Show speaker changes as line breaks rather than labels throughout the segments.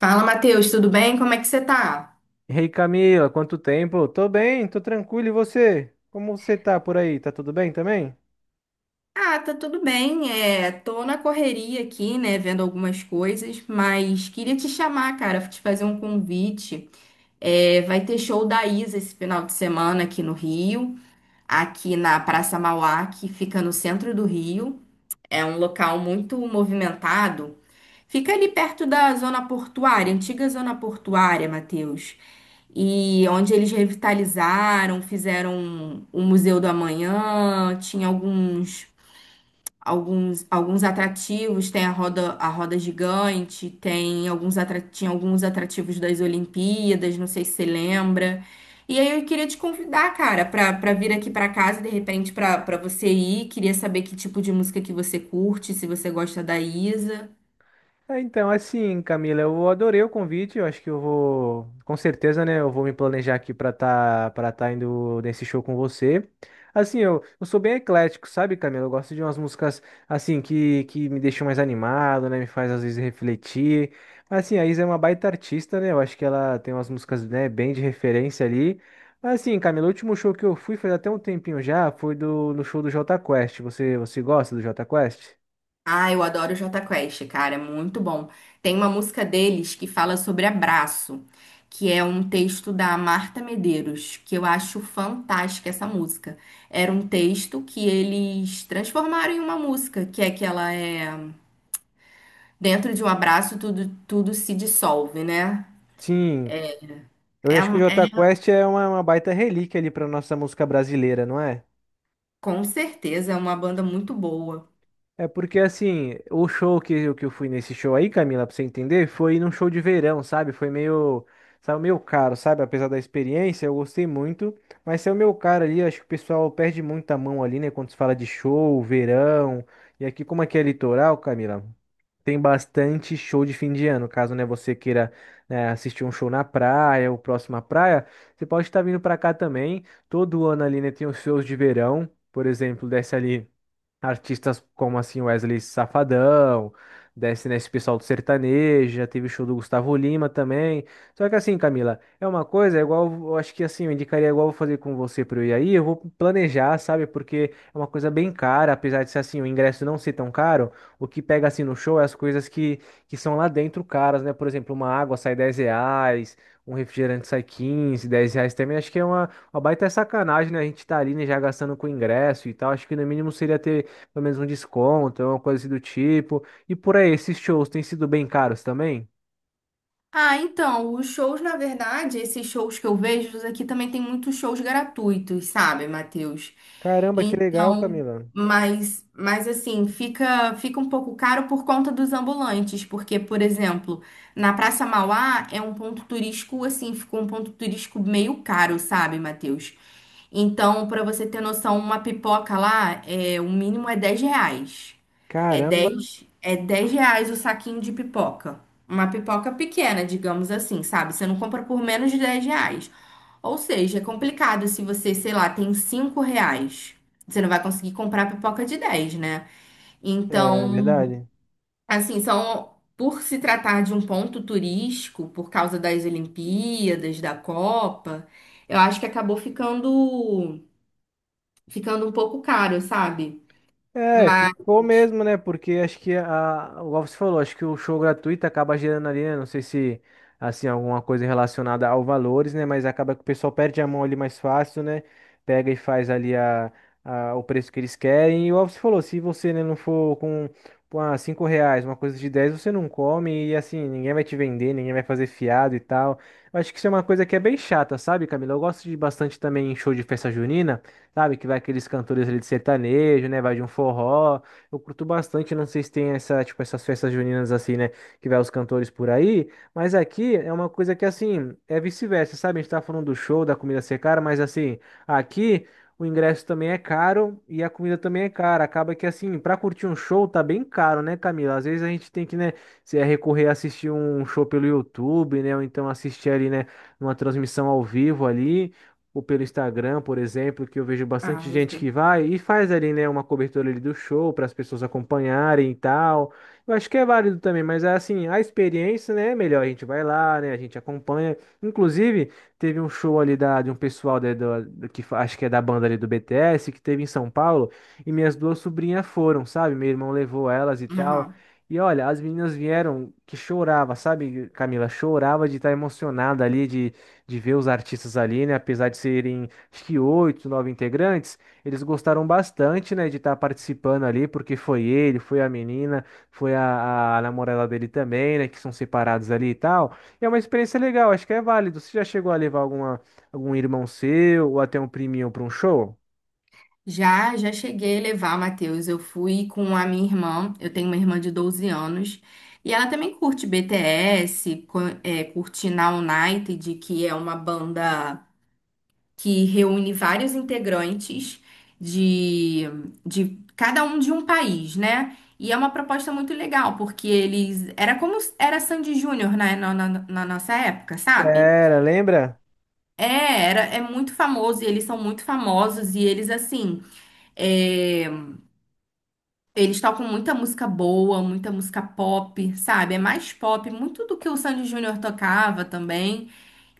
Fala, Matheus, tudo bem? Como é que você tá?
E aí, Camila, quanto tempo? Tô bem, tô tranquilo. E você? Como você tá por aí? Tá tudo bem também?
Ah, tá tudo bem. É, tô na correria aqui, né, vendo algumas coisas, mas queria te chamar, cara, te fazer um convite. É, vai ter show da Isa esse final de semana aqui no Rio, aqui na Praça Mauá, que fica no centro do Rio. É um local muito movimentado. Fica ali perto da zona portuária, antiga zona portuária, Matheus, e onde eles revitalizaram, fizeram o Museu do Amanhã, tinha alguns atrativos, tem a roda gigante, tem tinha alguns atrativos das Olimpíadas, não sei se você lembra. E aí eu queria te convidar, cara, pra para vir aqui pra casa, de repente pra para você ir, queria saber que tipo de música que você curte, se você gosta da Isa.
É, então, assim, Camila, eu adorei o convite. Eu acho que eu vou, com certeza, né? Eu vou me planejar aqui para tá indo nesse show com você. Assim, eu sou bem eclético, sabe, Camila? Eu gosto de umas músicas, assim, que me deixam mais animado, né? Me faz, às vezes, refletir. Mas, assim, a Isa é uma baita artista, né? Eu acho que ela tem umas músicas, né, bem de referência ali. Mas, assim, Camila, o último show que eu fui faz até um tempinho já, foi do, no show do Jota Quest. Você gosta do Jota Quest?
Ah, eu adoro o Jota Quest, cara, é muito bom. Tem uma música deles que fala sobre abraço, que é um texto da Marta Medeiros, que eu acho fantástica essa música. Era um texto que eles transformaram em uma música, que é que ela é dentro de um abraço tudo, tudo se dissolve, né?
Sim. Eu
É,
acho que o
um- é
Jota Quest é uma baita relíquia ali pra nossa música brasileira, não é?
com certeza é uma banda muito boa.
É porque, assim, o show que, que eu fui nesse show aí, Camila, pra você entender, foi num show de verão, sabe? Foi meio, sabe, meio caro, sabe? Apesar da experiência, eu gostei muito, mas é o meu caro ali, acho que o pessoal perde muita mão ali, né? Quando se fala de show, verão, e aqui como aqui é litoral, Camila? Tem bastante show de fim de ano. Caso, né, você queira, né, assistir um show na praia ou próximo à praia, você pode estar vindo para cá também. Todo ano ali, né, tem os shows de verão. Por exemplo, desce ali artistas como assim Wesley Safadão, desce nesse pessoal do sertanejo, já teve o show do Gustavo Lima também. Só que assim, Camila, é uma coisa, é igual, eu acho que assim, eu indicaria igual eu vou fazer com você para eu ir aí, eu vou planejar, sabe? Porque é uma coisa bem cara, apesar de ser assim, o ingresso não ser tão caro, o que pega assim no show é as coisas que são lá dentro caras, né? Por exemplo, uma água sai 10 reais, um refrigerante sai 15, 10 reais também, acho que é uma baita sacanagem, né? A gente tá ali, né, já gastando com ingresso e tal, acho que no mínimo seria ter pelo menos um desconto, uma coisa assim do tipo. E por aí, esses shows têm sido bem caros também?
Ah, então, os shows, na verdade, esses shows que eu vejo aqui também tem muitos shows gratuitos, sabe, Matheus?
Caramba, que legal,
Então,
Camila.
mas assim, fica um pouco caro por conta dos ambulantes, porque, por exemplo, na Praça Mauá é um ponto turístico, assim, ficou um ponto turístico meio caro, sabe, Matheus? Então, para você ter noção, uma pipoca lá, é, o mínimo é 10 reais. É
Caramba,
dez é dez reais o saquinho de pipoca. Uma pipoca pequena, digamos assim, sabe? Você não compra por menos de 10 reais. Ou seja, é complicado se você, sei lá, tem 5 reais. Você não vai conseguir comprar pipoca de dez, né?
é
Então,
verdade.
assim, são. Por se tratar de um ponto turístico, por causa das Olimpíadas, da Copa, eu acho que acabou ficando um pouco caro, sabe?
É,
Mas.
ficou mesmo, né? Porque acho que a, igual você falou, acho que o show gratuito acaba gerando ali, né? Não sei se assim alguma coisa relacionada ao valores, né? Mas acaba que o pessoal perde a mão ali mais fácil, né? Pega e faz ali a, o preço que eles querem. E igual você falou, se você, né, não for com cinco reais, uma coisa de 10, você não come e assim ninguém vai te vender, ninguém vai fazer fiado e tal. Eu acho que isso é uma coisa que é bem chata, sabe, Camila? Eu gosto de bastante também em show de festa junina sabe? Que vai aqueles cantores ali de sertanejo, né? Vai de um forró. Eu curto bastante, não sei se tem essa, tipo, essas festas juninas assim, né? Que vai os cantores por aí. Mas aqui é uma coisa que, assim, é vice-versa, sabe? A gente tá falando do show, da comida ser cara, mas assim, aqui. O ingresso também é caro e a comida também é cara. Acaba que, assim, pra curtir um show tá bem caro, né, Camila? Às vezes a gente tem que, né, se é recorrer a assistir um show pelo YouTube, né, ou então assistir ali, né, uma transmissão ao vivo ali ou pelo Instagram, por exemplo, que eu vejo
Ah,
bastante
eu
gente que
sei.
vai e faz ali, né, uma cobertura ali do show para as pessoas acompanharem e tal. Eu acho que é válido também, mas é assim, a experiência, né, é melhor a gente vai lá, né, a gente acompanha. Inclusive, teve um show ali da, de um pessoal da, que acho que é da banda ali do BTS, que teve em São Paulo, e minhas duas sobrinhas foram, sabe? Meu irmão levou elas e
É
tal.
normal.
E olha, as meninas vieram que chorava, sabe, Camila? Chorava de estar emocionada ali, de ver os artistas ali, né? Apesar de serem, acho que oito, nove integrantes, eles gostaram bastante, né, de estar participando ali, porque foi ele, foi a menina, foi a namorada dele também, né, que são separados ali e tal. E é uma experiência legal, acho que é válido. Você já chegou a levar alguma, algum irmão seu ou até um priminho para um show?
Já, já cheguei a levar, Matheus. Eu fui com a minha irmã. Eu tenho uma irmã de 12 anos. E ela também curte BTS, curte Na United, que é uma banda que reúne vários integrantes de, de cada um de um país, né? E é uma proposta muito legal, porque eles. Era como. Era Sandy Júnior na nossa época, sabe?
Era, lembra?
É, era, é muito famoso e eles são muito famosos e eles assim, é, eles tocam muita música boa, muita música pop, sabe? É mais pop, muito do que o Sandy Júnior tocava também.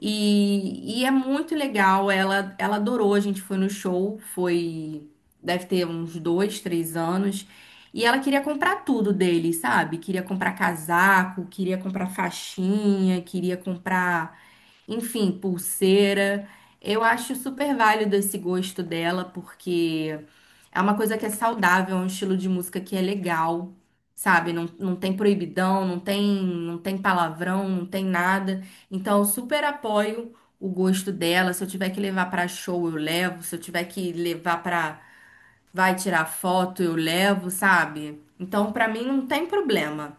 E é muito legal, ela adorou, a gente foi no show, foi, deve ter uns dois, três anos. E ela queria comprar tudo dele, sabe? Queria comprar casaco, queria comprar faixinha, queria comprar, enfim, pulseira. Eu acho super válido esse gosto dela, porque é uma coisa que é saudável, é um estilo de música que é legal, sabe? Não, não tem proibidão, não tem palavrão, não tem nada. Então, eu super apoio o gosto dela. Se eu tiver que levar pra show, eu levo. Se eu tiver que levar pra vai tirar foto, eu levo, sabe? Então, pra mim, não tem problema.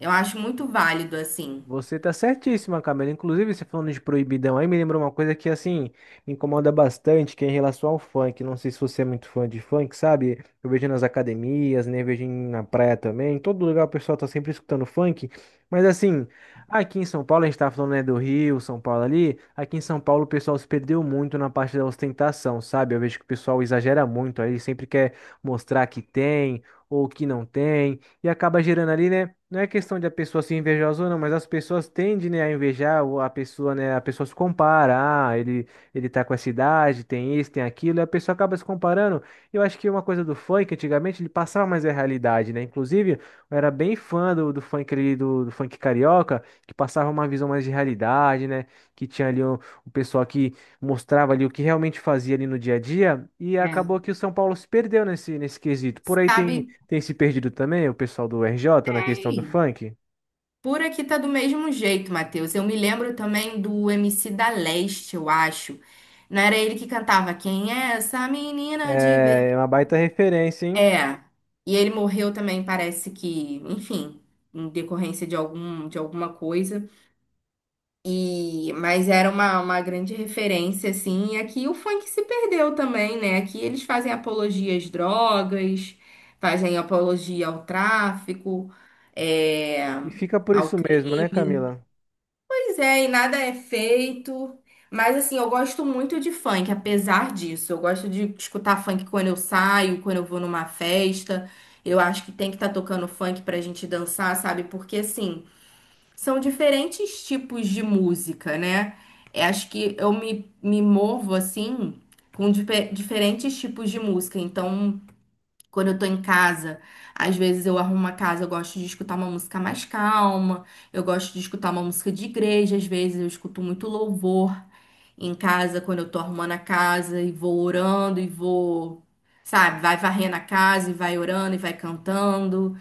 Eu acho muito válido, assim.
Você tá certíssima, Camila. Inclusive, você falando de proibidão aí, me lembrou uma coisa que, assim, me incomoda bastante, que é em relação ao funk. Não sei se você é muito fã de funk, sabe? Eu vejo nas academias, né? Eu vejo na praia também. Em todo lugar o pessoal tá sempre escutando funk. Mas, assim, aqui em São Paulo, a gente tá falando, né, do Rio, São Paulo ali. Aqui em São Paulo o pessoal se perdeu muito na parte da ostentação, sabe? Eu vejo que o pessoal exagera muito aí, sempre quer mostrar que tem ou que não tem. E acaba gerando ali, né? Não é questão de a pessoa ser invejosa ou não, mas as pessoas tendem, né, a invejar a pessoa, né? A pessoa se compara, ah, ele tá com essa idade, tem isso, tem aquilo, e a pessoa acaba se comparando. Eu acho que uma coisa do funk, antigamente, ele passava mais a realidade, né? Inclusive, eu era bem fã do, do funk ali, do, do funk carioca, que passava uma visão mais de realidade, né? Que tinha ali o pessoal que mostrava ali o que realmente fazia ali no dia a dia, e
É.
acabou que o São Paulo se perdeu nesse, nesse quesito. Por aí tem.
Sabe?
Tem se perdido também o pessoal do RJ na questão do
Ei.
funk.
Por aqui tá do mesmo jeito, Matheus. Eu me lembro também do MC da Leste, eu acho. Não era ele que cantava Quem é essa menina de ver?
É é, uma baita referência, hein?
É. E ele morreu também, parece que, enfim, em decorrência de algum, de alguma coisa. E mas era uma grande referência assim. E aqui o funk se perdeu também, né? Aqui eles fazem apologia às drogas, fazem apologia ao tráfico, é,
E fica por
ao
isso mesmo, né,
crime.
Camila?
Pois é, e nada é feito. Mas assim, eu gosto muito de funk, apesar disso. Eu gosto de escutar funk quando eu saio, quando eu vou numa festa. Eu acho que tem que estar tocando funk pra gente dançar, sabe? Porque assim, são diferentes tipos de música, né? Eu acho que eu me movo assim com diferentes tipos de música. Então, quando eu tô em casa, às vezes eu arrumo uma casa, eu gosto de escutar uma música mais calma, eu gosto de escutar uma música de igreja, às vezes eu escuto muito louvor em casa, quando eu tô arrumando a casa e vou orando e vou, sabe, vai varrendo a casa e vai orando e vai cantando.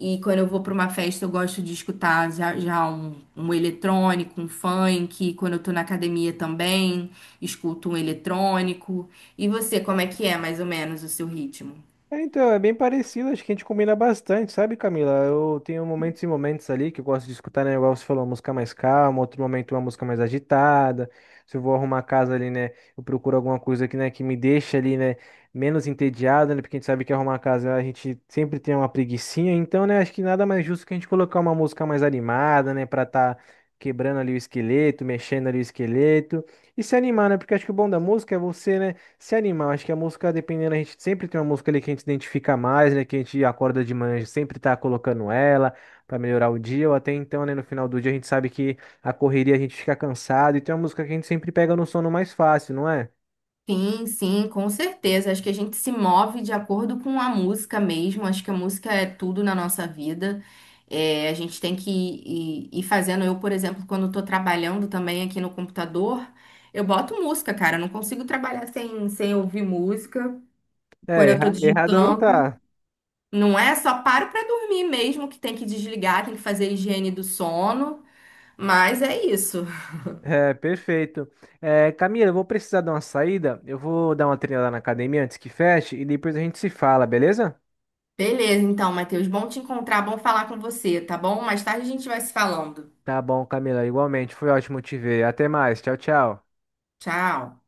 E quando eu vou pra uma festa, eu gosto de escutar já um, um eletrônico, um funk. Quando eu tô na academia também, escuto um eletrônico. E você, como é que é mais ou menos o seu ritmo?
É, então, é bem parecido, acho que a gente combina bastante, sabe, Camila? Eu tenho momentos e momentos ali que eu gosto de escutar, né? Igual você falou, uma música mais calma, outro momento uma música mais agitada. Se eu vou arrumar a casa ali, né? Eu procuro alguma coisa que, né, que me deixa ali, né, menos entediado, né? Porque a gente sabe que arrumar a casa a gente sempre tem uma preguicinha, então, né, acho que nada mais justo que a gente colocar uma música mais animada, né, pra tá quebrando ali o esqueleto, mexendo ali o esqueleto e se animar, né? Porque acho que o bom da música é você, né? Se animar, acho que a música, dependendo, a gente sempre tem uma música ali que a gente identifica mais, né? Que a gente acorda de manhã, a gente sempre tá colocando ela pra melhorar o dia, ou até então, né, no final do dia a gente sabe que a correria a gente fica cansado, e tem uma música que a gente sempre pega no sono mais fácil, não é?
Sim, sim, com certeza. Acho que a gente se move de acordo com a música mesmo. Acho que a música é tudo na nossa vida. É, a gente tem que ir fazendo. Eu, por exemplo, quando estou trabalhando também aqui no computador, eu boto música, cara. Eu não consigo trabalhar sem ouvir música. Quando
É,
eu estou
errada não
digitando,
tá.
não é só paro para dormir mesmo, que tem que desligar, tem que fazer a higiene do sono. Mas é isso.
É, perfeito. É, Camila, eu vou precisar dar uma saída, eu vou dar uma treinada na academia antes que feche, e depois a gente se fala, beleza?
Beleza, então, Matheus. Bom te encontrar, bom falar com você, tá bom? Mais tarde a gente vai se falando.
Tá bom, Camila, igualmente, foi ótimo te ver. Até mais, tchau, tchau.
Tchau.